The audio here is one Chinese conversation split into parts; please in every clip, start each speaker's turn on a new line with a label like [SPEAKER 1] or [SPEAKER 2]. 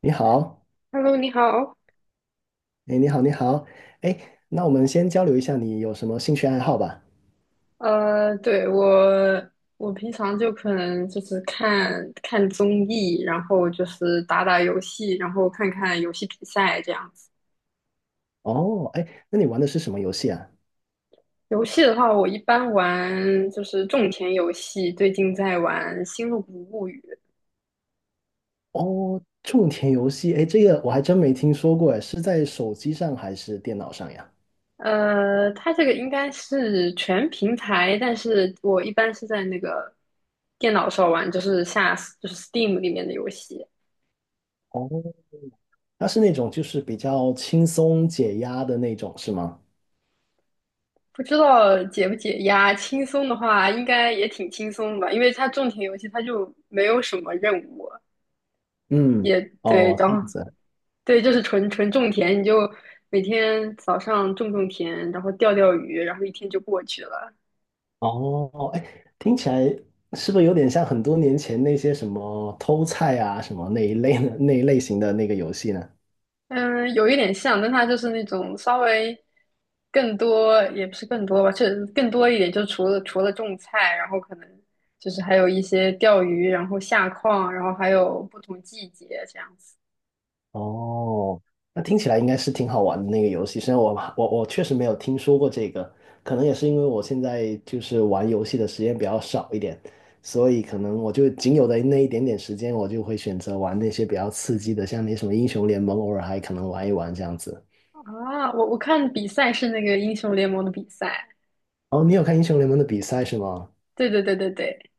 [SPEAKER 1] 你好。
[SPEAKER 2] Hello，你好。
[SPEAKER 1] 哎，你好，你好，哎，那我们先交流一下你有什么兴趣爱好吧。
[SPEAKER 2] 对，我平常就可能就是看看综艺，然后就是打打游戏，然后看看游戏比赛这样子。
[SPEAKER 1] 哦，哎，那你玩的是什么游戏啊？
[SPEAKER 2] 游戏的话，我一般玩就是种田游戏，最近在玩《星露谷物语》。
[SPEAKER 1] 哦，种田游戏，哎，这个我还真没听说过，哎，是在手机上还是电脑上呀？
[SPEAKER 2] 它这个应该是全平台，但是我一般是在那个电脑上玩，就是下就是 Steam 里面的游戏。
[SPEAKER 1] 哦，它是那种就是比较轻松解压的那种，是吗？
[SPEAKER 2] 不知道解不解压，轻松的话应该也挺轻松的吧，因为它种田游戏它就没有什么任务，
[SPEAKER 1] 嗯。
[SPEAKER 2] 也对，
[SPEAKER 1] 哦，
[SPEAKER 2] 然
[SPEAKER 1] 这样
[SPEAKER 2] 后
[SPEAKER 1] 子。
[SPEAKER 2] 对，就是纯纯种田，你就每天早上种种田，然后钓钓鱼，然后一天就过去了。
[SPEAKER 1] 哦，哎，听起来是不是有点像很多年前那些什么偷菜啊什么那一类的那一类型的那个游戏呢？
[SPEAKER 2] 嗯，有一点像，但它就是那种稍微更多，也不是更多吧，就是更多一点，就除了种菜，然后可能就是还有一些钓鱼，然后下矿，然后还有不同季节这样子。
[SPEAKER 1] 哦，那听起来应该是挺好玩的那个游戏，虽然我确实没有听说过这个，可能也是因为我现在就是玩游戏的时间比较少一点，所以可能我就仅有的那一点点时间，我就会选择玩那些比较刺激的，像那什么英雄联盟，偶尔还可能玩一玩这样子。
[SPEAKER 2] 啊，我看比赛是那个英雄联盟的比赛，
[SPEAKER 1] 哦，你有看英雄联盟的比赛是吗？
[SPEAKER 2] 对对对对对。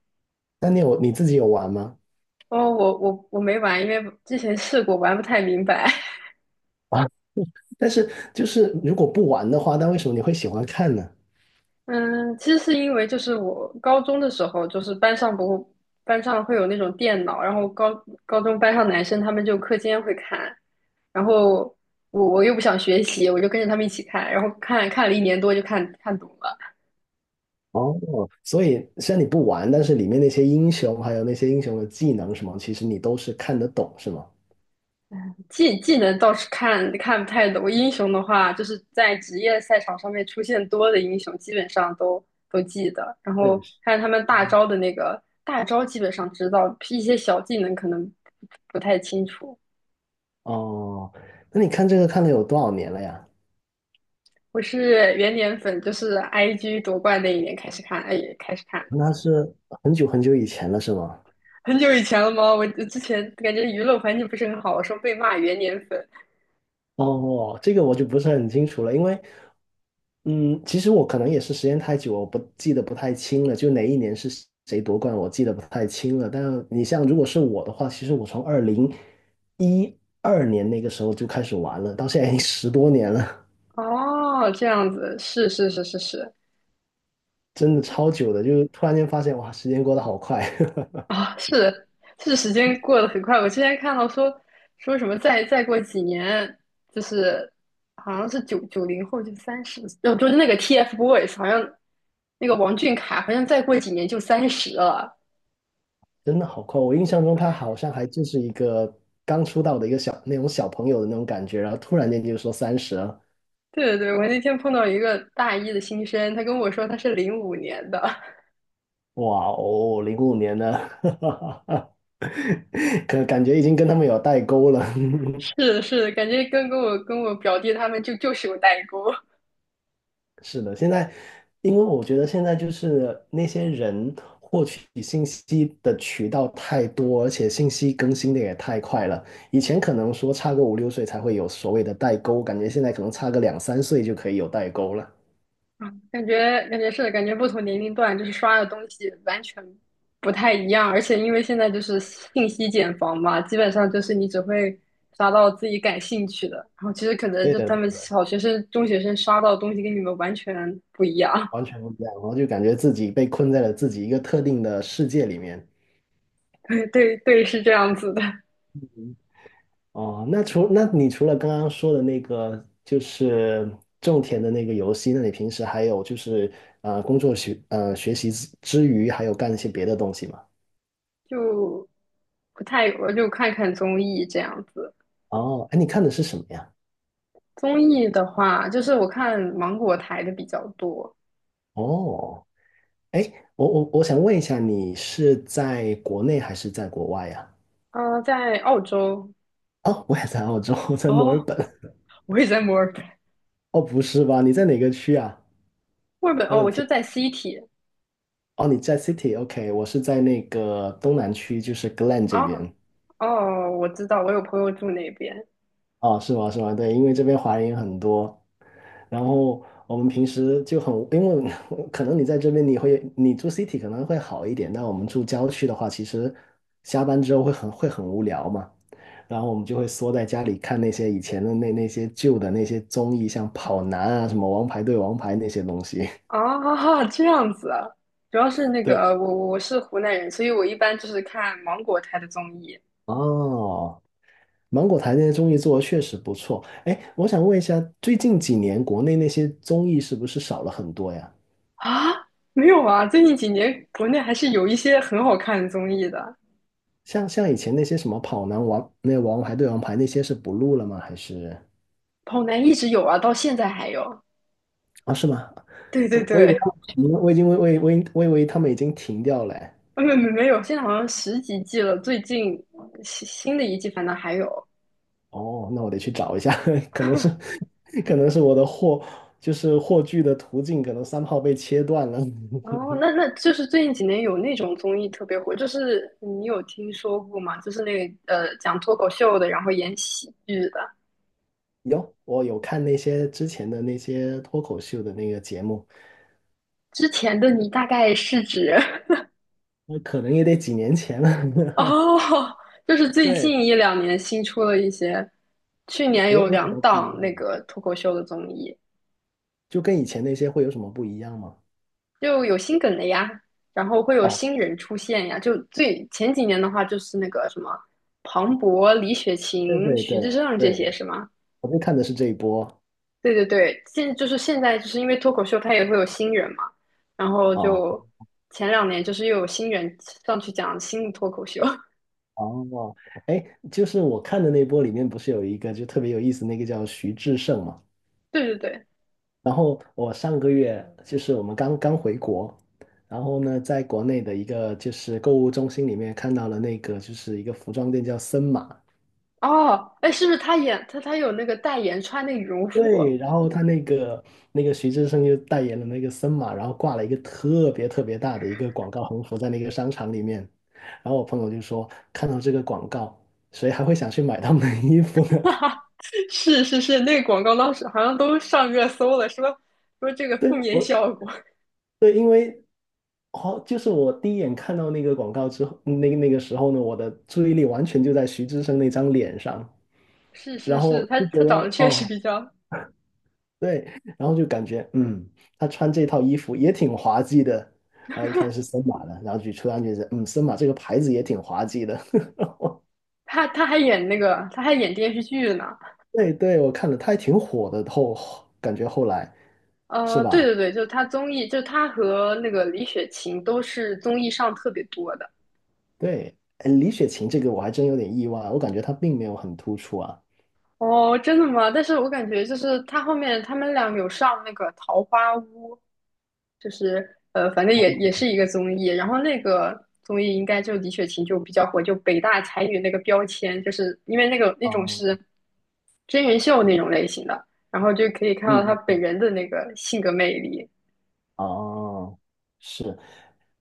[SPEAKER 1] 那你自己有玩吗？
[SPEAKER 2] 哦，我没玩，因为之前试过，玩不太明白。
[SPEAKER 1] 啊，但是就是如果不玩的话，那为什么你会喜欢看呢？
[SPEAKER 2] 嗯，其实是因为就是我高中的时候，就是班上不班上会有那种电脑，然后高中班上男生他们就课间会看，然后我又不想学习，我就跟着他们一起看，然后看了一年多就看懂了。
[SPEAKER 1] 哦，所以虽然你不玩，但是里面那些英雄还有那些英雄的技能什么，其实你都是看得懂，是吗？
[SPEAKER 2] 技能倒是看不太懂，英雄的话，就是在职业赛场上面出现多的英雄，基本上都记得。然后
[SPEAKER 1] 认识。
[SPEAKER 2] 看他们大招的那个大招，基本上知道，一些小技能可能不太清楚。
[SPEAKER 1] 哦，那你看这个看了有多少年了呀？
[SPEAKER 2] 我是元年粉，就是 IG 夺冠那一年开始看，哎，开始看的，
[SPEAKER 1] 那是很久很久以前了，是吗？
[SPEAKER 2] 很久以前了吗？我之前感觉娱乐环境不是很好，我说被骂元年粉。
[SPEAKER 1] 哦，这个我就不是很清楚了，因为，嗯，其实我可能也是时间太久，我不记得不太清了，就哪一年是谁夺冠，我记得不太清了。但你像如果是我的话，其实我从2012年那个时候就开始玩了，到现在已经10多年了。
[SPEAKER 2] 哦，这样子，是是是是是，
[SPEAKER 1] 真的超久的，就是突然间发现哇，时间过得好快。
[SPEAKER 2] 啊、是是，时间过得很快。我之前看到说什么再过几年，就是好像是90后就三十，哦，就是那个 TFBOYS，好像那个王俊凯，好像再过几年就三十了。
[SPEAKER 1] 真的好快。我印象中他好像还就是一个刚出道的一个小那种小朋友的那种感觉，然后突然间就说30了。
[SPEAKER 2] 对对对，我那天碰到一个大一的新生，他跟我说他是05年的，
[SPEAKER 1] 哇哦，05年的。可感觉已经跟他们有代沟了。
[SPEAKER 2] 是是，感觉跟我表弟他们就是有代沟。
[SPEAKER 1] 是的，现在，因为我觉得现在就是那些人获取信息的渠道太多，而且信息更新的也太快了。以前可能说差个五六岁才会有所谓的代沟，感觉现在可能差个两三岁就可以有代沟了。
[SPEAKER 2] 嗯，感觉是的感觉不同年龄段就是刷的东西完全不太一样，而且因为现在就是信息茧房嘛，基本上就是你只会刷到自己感兴趣的，然后其实可能
[SPEAKER 1] 对
[SPEAKER 2] 就
[SPEAKER 1] 的，
[SPEAKER 2] 他们
[SPEAKER 1] 对的，
[SPEAKER 2] 小学生、中学生刷到的东西跟你们完全不一样，
[SPEAKER 1] 完全不一样。然后就感觉自己被困在了自己一个特定的世界里面。
[SPEAKER 2] 对对对，是这样子的，
[SPEAKER 1] 哦，那你除了刚刚说的那个，就是种田的那个游戏，那你平时还有就是呃工作学呃学习之余，还有干一些别的东西吗？
[SPEAKER 2] 就不太，我就看看综艺这样子。
[SPEAKER 1] 哦，哎，你看的是什么呀？
[SPEAKER 2] 综艺的话，就是我看芒果台的比较多，
[SPEAKER 1] 哦，哎，我想问一下，你是在国内还是在国外呀？
[SPEAKER 2] 嗯、在澳洲，
[SPEAKER 1] 哦，我也在澳洲，我在墨尔
[SPEAKER 2] 哦，
[SPEAKER 1] 本。
[SPEAKER 2] 我也在墨尔本。
[SPEAKER 1] 哦，不是吧？你在哪个区啊？
[SPEAKER 2] 墨尔本
[SPEAKER 1] 我
[SPEAKER 2] 哦，
[SPEAKER 1] 的
[SPEAKER 2] 我就
[SPEAKER 1] 天！
[SPEAKER 2] 在 City
[SPEAKER 1] 哦，你在 City，OK，我是在那个东南区，就是 Glen 这
[SPEAKER 2] 哦
[SPEAKER 1] 边。
[SPEAKER 2] 哦，我知道，我有朋友住那边
[SPEAKER 1] 哦，是吗？是吗？对，因为这边华人也很多，然后我们平时就很，因为 可能你在这边你会，你住 city 可能会好一点，但我们住郊区的话，其实下班之后会很无聊嘛，然后我们就会缩在家里看那些以前的那些旧的那些综艺，像跑男啊，什么王牌对王牌那些东西。
[SPEAKER 2] 啊，这样子啊，主要是那个
[SPEAKER 1] 对。
[SPEAKER 2] 我是湖南人，所以我一般就是看芒果台的综艺
[SPEAKER 1] 哦，芒果台那些综艺做的确实不错。哎，我想问一下，最近几年国内那些综艺是不是少了很多呀？
[SPEAKER 2] 啊，没有啊，最近几年国内还是有一些很好看的综艺的，
[SPEAKER 1] 像以前那些什么跑男王、那王牌对王牌那些是不录了吗？还是
[SPEAKER 2] 跑男一直有啊，到现在还有，
[SPEAKER 1] 啊，是吗？
[SPEAKER 2] 对对
[SPEAKER 1] 我以为
[SPEAKER 2] 对，
[SPEAKER 1] 他们停了，我已经我我我以我以为他们已经停掉了哎。
[SPEAKER 2] 啊没有，现在好像十几季了，最近新的一季反倒还有，
[SPEAKER 1] 哦，那我得去找一下。可能是可能是我的货，就是货剧的途径可能三号被切断了。
[SPEAKER 2] 哦，那就是最近几年有那种综艺特别火，就是你有听说过吗？就是那个讲脱口秀的，然后演喜剧的。
[SPEAKER 1] 有，我有看那些之前的那些脱口秀的那个节目。
[SPEAKER 2] 之前的你大概是指
[SPEAKER 1] 那可能也得几年前 了。
[SPEAKER 2] 哦，就是 最
[SPEAKER 1] 对，
[SPEAKER 2] 近一两年新出了一些，去年
[SPEAKER 1] 有
[SPEAKER 2] 有
[SPEAKER 1] 有什
[SPEAKER 2] 两
[SPEAKER 1] 么不一
[SPEAKER 2] 档
[SPEAKER 1] 样
[SPEAKER 2] 那
[SPEAKER 1] 吗？
[SPEAKER 2] 个脱口秀的综艺，
[SPEAKER 1] 就跟以前那些会有什么不一样吗？
[SPEAKER 2] 就有新梗的呀，然后会有
[SPEAKER 1] 哦，
[SPEAKER 2] 新人出现呀。就最前几年的话，就是那个什么庞博、李雪
[SPEAKER 1] 对
[SPEAKER 2] 琴、
[SPEAKER 1] 对
[SPEAKER 2] 徐志
[SPEAKER 1] 对
[SPEAKER 2] 胜这些
[SPEAKER 1] 对，
[SPEAKER 2] 是吗？
[SPEAKER 1] 我就看的是这一波
[SPEAKER 2] 对对对，就是现在，就是因为脱口秀它也会有新人嘛，然后
[SPEAKER 1] 啊。
[SPEAKER 2] 就前两年就是又有新人上去讲新的脱口秀。
[SPEAKER 1] 哦，哎，就是我看的那波里面不是有一个就特别有意思，那个叫徐志胜嘛。
[SPEAKER 2] 对对对，
[SPEAKER 1] 然后我上个月就是我们刚刚回国，然后呢，在国内的一个就是购物中心里面看到了那个就是一个服装店叫森马，
[SPEAKER 2] 哦，哎，是不是他演他他有那个代言穿那个羽绒服？
[SPEAKER 1] 对，然后他那个徐志胜就代言了那个森马，然后挂了一个特别特别大的一个广告横幅在那个商场里面，然后我朋友就说看到这个广告，谁还会想去买他们的衣服呢？
[SPEAKER 2] 哈哈，是是是，那个广告当时好像都上热搜了，说这个 负
[SPEAKER 1] 对，
[SPEAKER 2] 面
[SPEAKER 1] 我，
[SPEAKER 2] 效果。
[SPEAKER 1] 好，就是我第一眼看到那个广告之后，那个时候呢，我的注意力完全就在徐志胜那张脸上，
[SPEAKER 2] 是是
[SPEAKER 1] 然
[SPEAKER 2] 是，
[SPEAKER 1] 后
[SPEAKER 2] 他
[SPEAKER 1] 就
[SPEAKER 2] 他
[SPEAKER 1] 觉得
[SPEAKER 2] 长得确实
[SPEAKER 1] 哦，
[SPEAKER 2] 比较，
[SPEAKER 1] 对，然后就感觉，嗯，他穿这套衣服也挺滑稽的，然后一看是森马的，然后就突然觉得，嗯，森马这个牌子也挺滑稽的。
[SPEAKER 2] 他他还演那个他还演电视剧呢。
[SPEAKER 1] 对对，我看了，他还挺火的，感觉后来。是
[SPEAKER 2] 对
[SPEAKER 1] 吧？
[SPEAKER 2] 对对，就是他综艺，就他和那个李雪琴都是综艺上特别多的。
[SPEAKER 1] 对，哎，李雪琴这个我还真有点意外，我感觉她并没有很突出啊。
[SPEAKER 2] 哦，真的吗？但是我感觉就是他后面他们俩有上那个《桃花坞》，就是，反正也是一个综艺。然后那个综艺应该就李雪琴就比较火，就北大才女那个标签，就是因为那个那种
[SPEAKER 1] 哦，
[SPEAKER 2] 是真人秀那种类型的，然后就可以看到她
[SPEAKER 1] 嗯，
[SPEAKER 2] 本人的那个性格魅力。
[SPEAKER 1] 哦，是。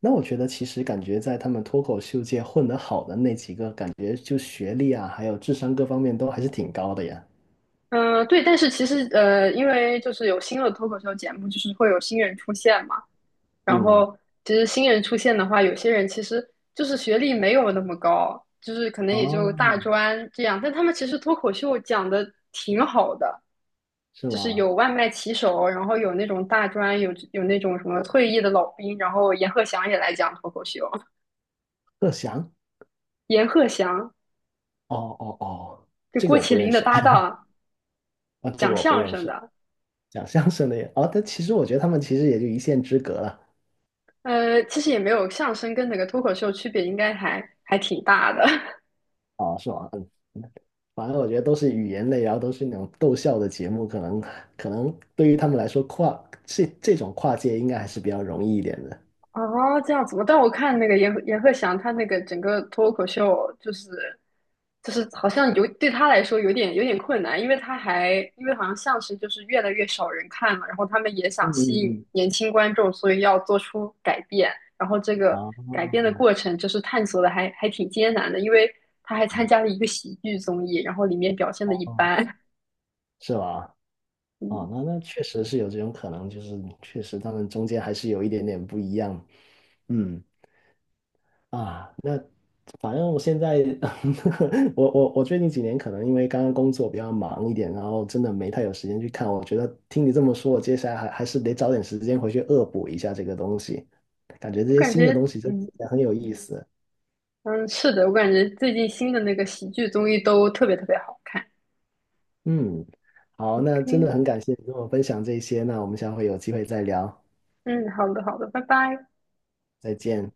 [SPEAKER 1] 那我觉得其实感觉在他们脱口秀界混得好的那几个，感觉就学历啊，还有智商各方面都还是挺高的呀。
[SPEAKER 2] 嗯，对，但是其实因为就是有新的脱口秀节目，就是会有新人出现嘛。然
[SPEAKER 1] 嗯，
[SPEAKER 2] 后其实新人出现的话，有些人其实就是学历没有那么高，就是可能也就大
[SPEAKER 1] 哦，
[SPEAKER 2] 专这样，但他们其实脱口秀讲的挺好的，
[SPEAKER 1] 是
[SPEAKER 2] 就是
[SPEAKER 1] 吗？
[SPEAKER 2] 有外卖骑手，然后有那种大专，有那种什么退役的老兵，然后阎鹤祥也来讲脱口秀，
[SPEAKER 1] 贺翔？
[SPEAKER 2] 阎鹤祥
[SPEAKER 1] 哦哦哦，
[SPEAKER 2] 就
[SPEAKER 1] 这个
[SPEAKER 2] 郭
[SPEAKER 1] 我不
[SPEAKER 2] 麒
[SPEAKER 1] 认
[SPEAKER 2] 麟的
[SPEAKER 1] 识。
[SPEAKER 2] 搭 档，
[SPEAKER 1] 啊，这个
[SPEAKER 2] 讲
[SPEAKER 1] 我不
[SPEAKER 2] 相
[SPEAKER 1] 认
[SPEAKER 2] 声
[SPEAKER 1] 识。
[SPEAKER 2] 的，
[SPEAKER 1] 讲相声的也，哦，但其实我觉得他们其实也就一线之隔了，
[SPEAKER 2] 其实也没有相声跟那个脱口秀区别，应该还挺大的。
[SPEAKER 1] 哦，是吗？嗯，反正我觉得都是语言类，然后都是那种逗笑的节目，可能对于他们来说这种跨界应该还是比较容易一点的。
[SPEAKER 2] 哦，这样子吗？但我看那个阎鹤祥，他那个整个脱口秀，就是好像有对他来说有点困难，因为他还因为好像相声就是越来越少人看了，然后他们也想
[SPEAKER 1] 嗯
[SPEAKER 2] 吸
[SPEAKER 1] 嗯
[SPEAKER 2] 引
[SPEAKER 1] 嗯，
[SPEAKER 2] 年轻观众，所以要做出改变，然后这个
[SPEAKER 1] 哦
[SPEAKER 2] 改变的过程就是探索的还挺艰难的，因为他还参加了一个喜剧综艺，然后里面表现的一
[SPEAKER 1] 哦，
[SPEAKER 2] 般，
[SPEAKER 1] 是吧？
[SPEAKER 2] 嗯，
[SPEAKER 1] 哦，那确实是有这种可能，就是确实他们中间还是有一点点不一样。嗯啊，反正我现在，我最近几年可能因为刚刚工作比较忙一点，然后真的没太有时间去看。我觉得听你这么说，我接下来还是得找点时间回去恶补一下这个东西。感觉这
[SPEAKER 2] 我
[SPEAKER 1] 些
[SPEAKER 2] 感
[SPEAKER 1] 新的
[SPEAKER 2] 觉
[SPEAKER 1] 东西真
[SPEAKER 2] 嗯。
[SPEAKER 1] 的很有意思。
[SPEAKER 2] 嗯，是的，我感觉最近新的那个喜剧综艺都特别特别好看。
[SPEAKER 1] 嗯，好，那
[SPEAKER 2] OK，
[SPEAKER 1] 真的很感谢你跟我分享这些，那我们下回有机会再聊，
[SPEAKER 2] 嗯，好的，好的，拜拜。
[SPEAKER 1] 再见。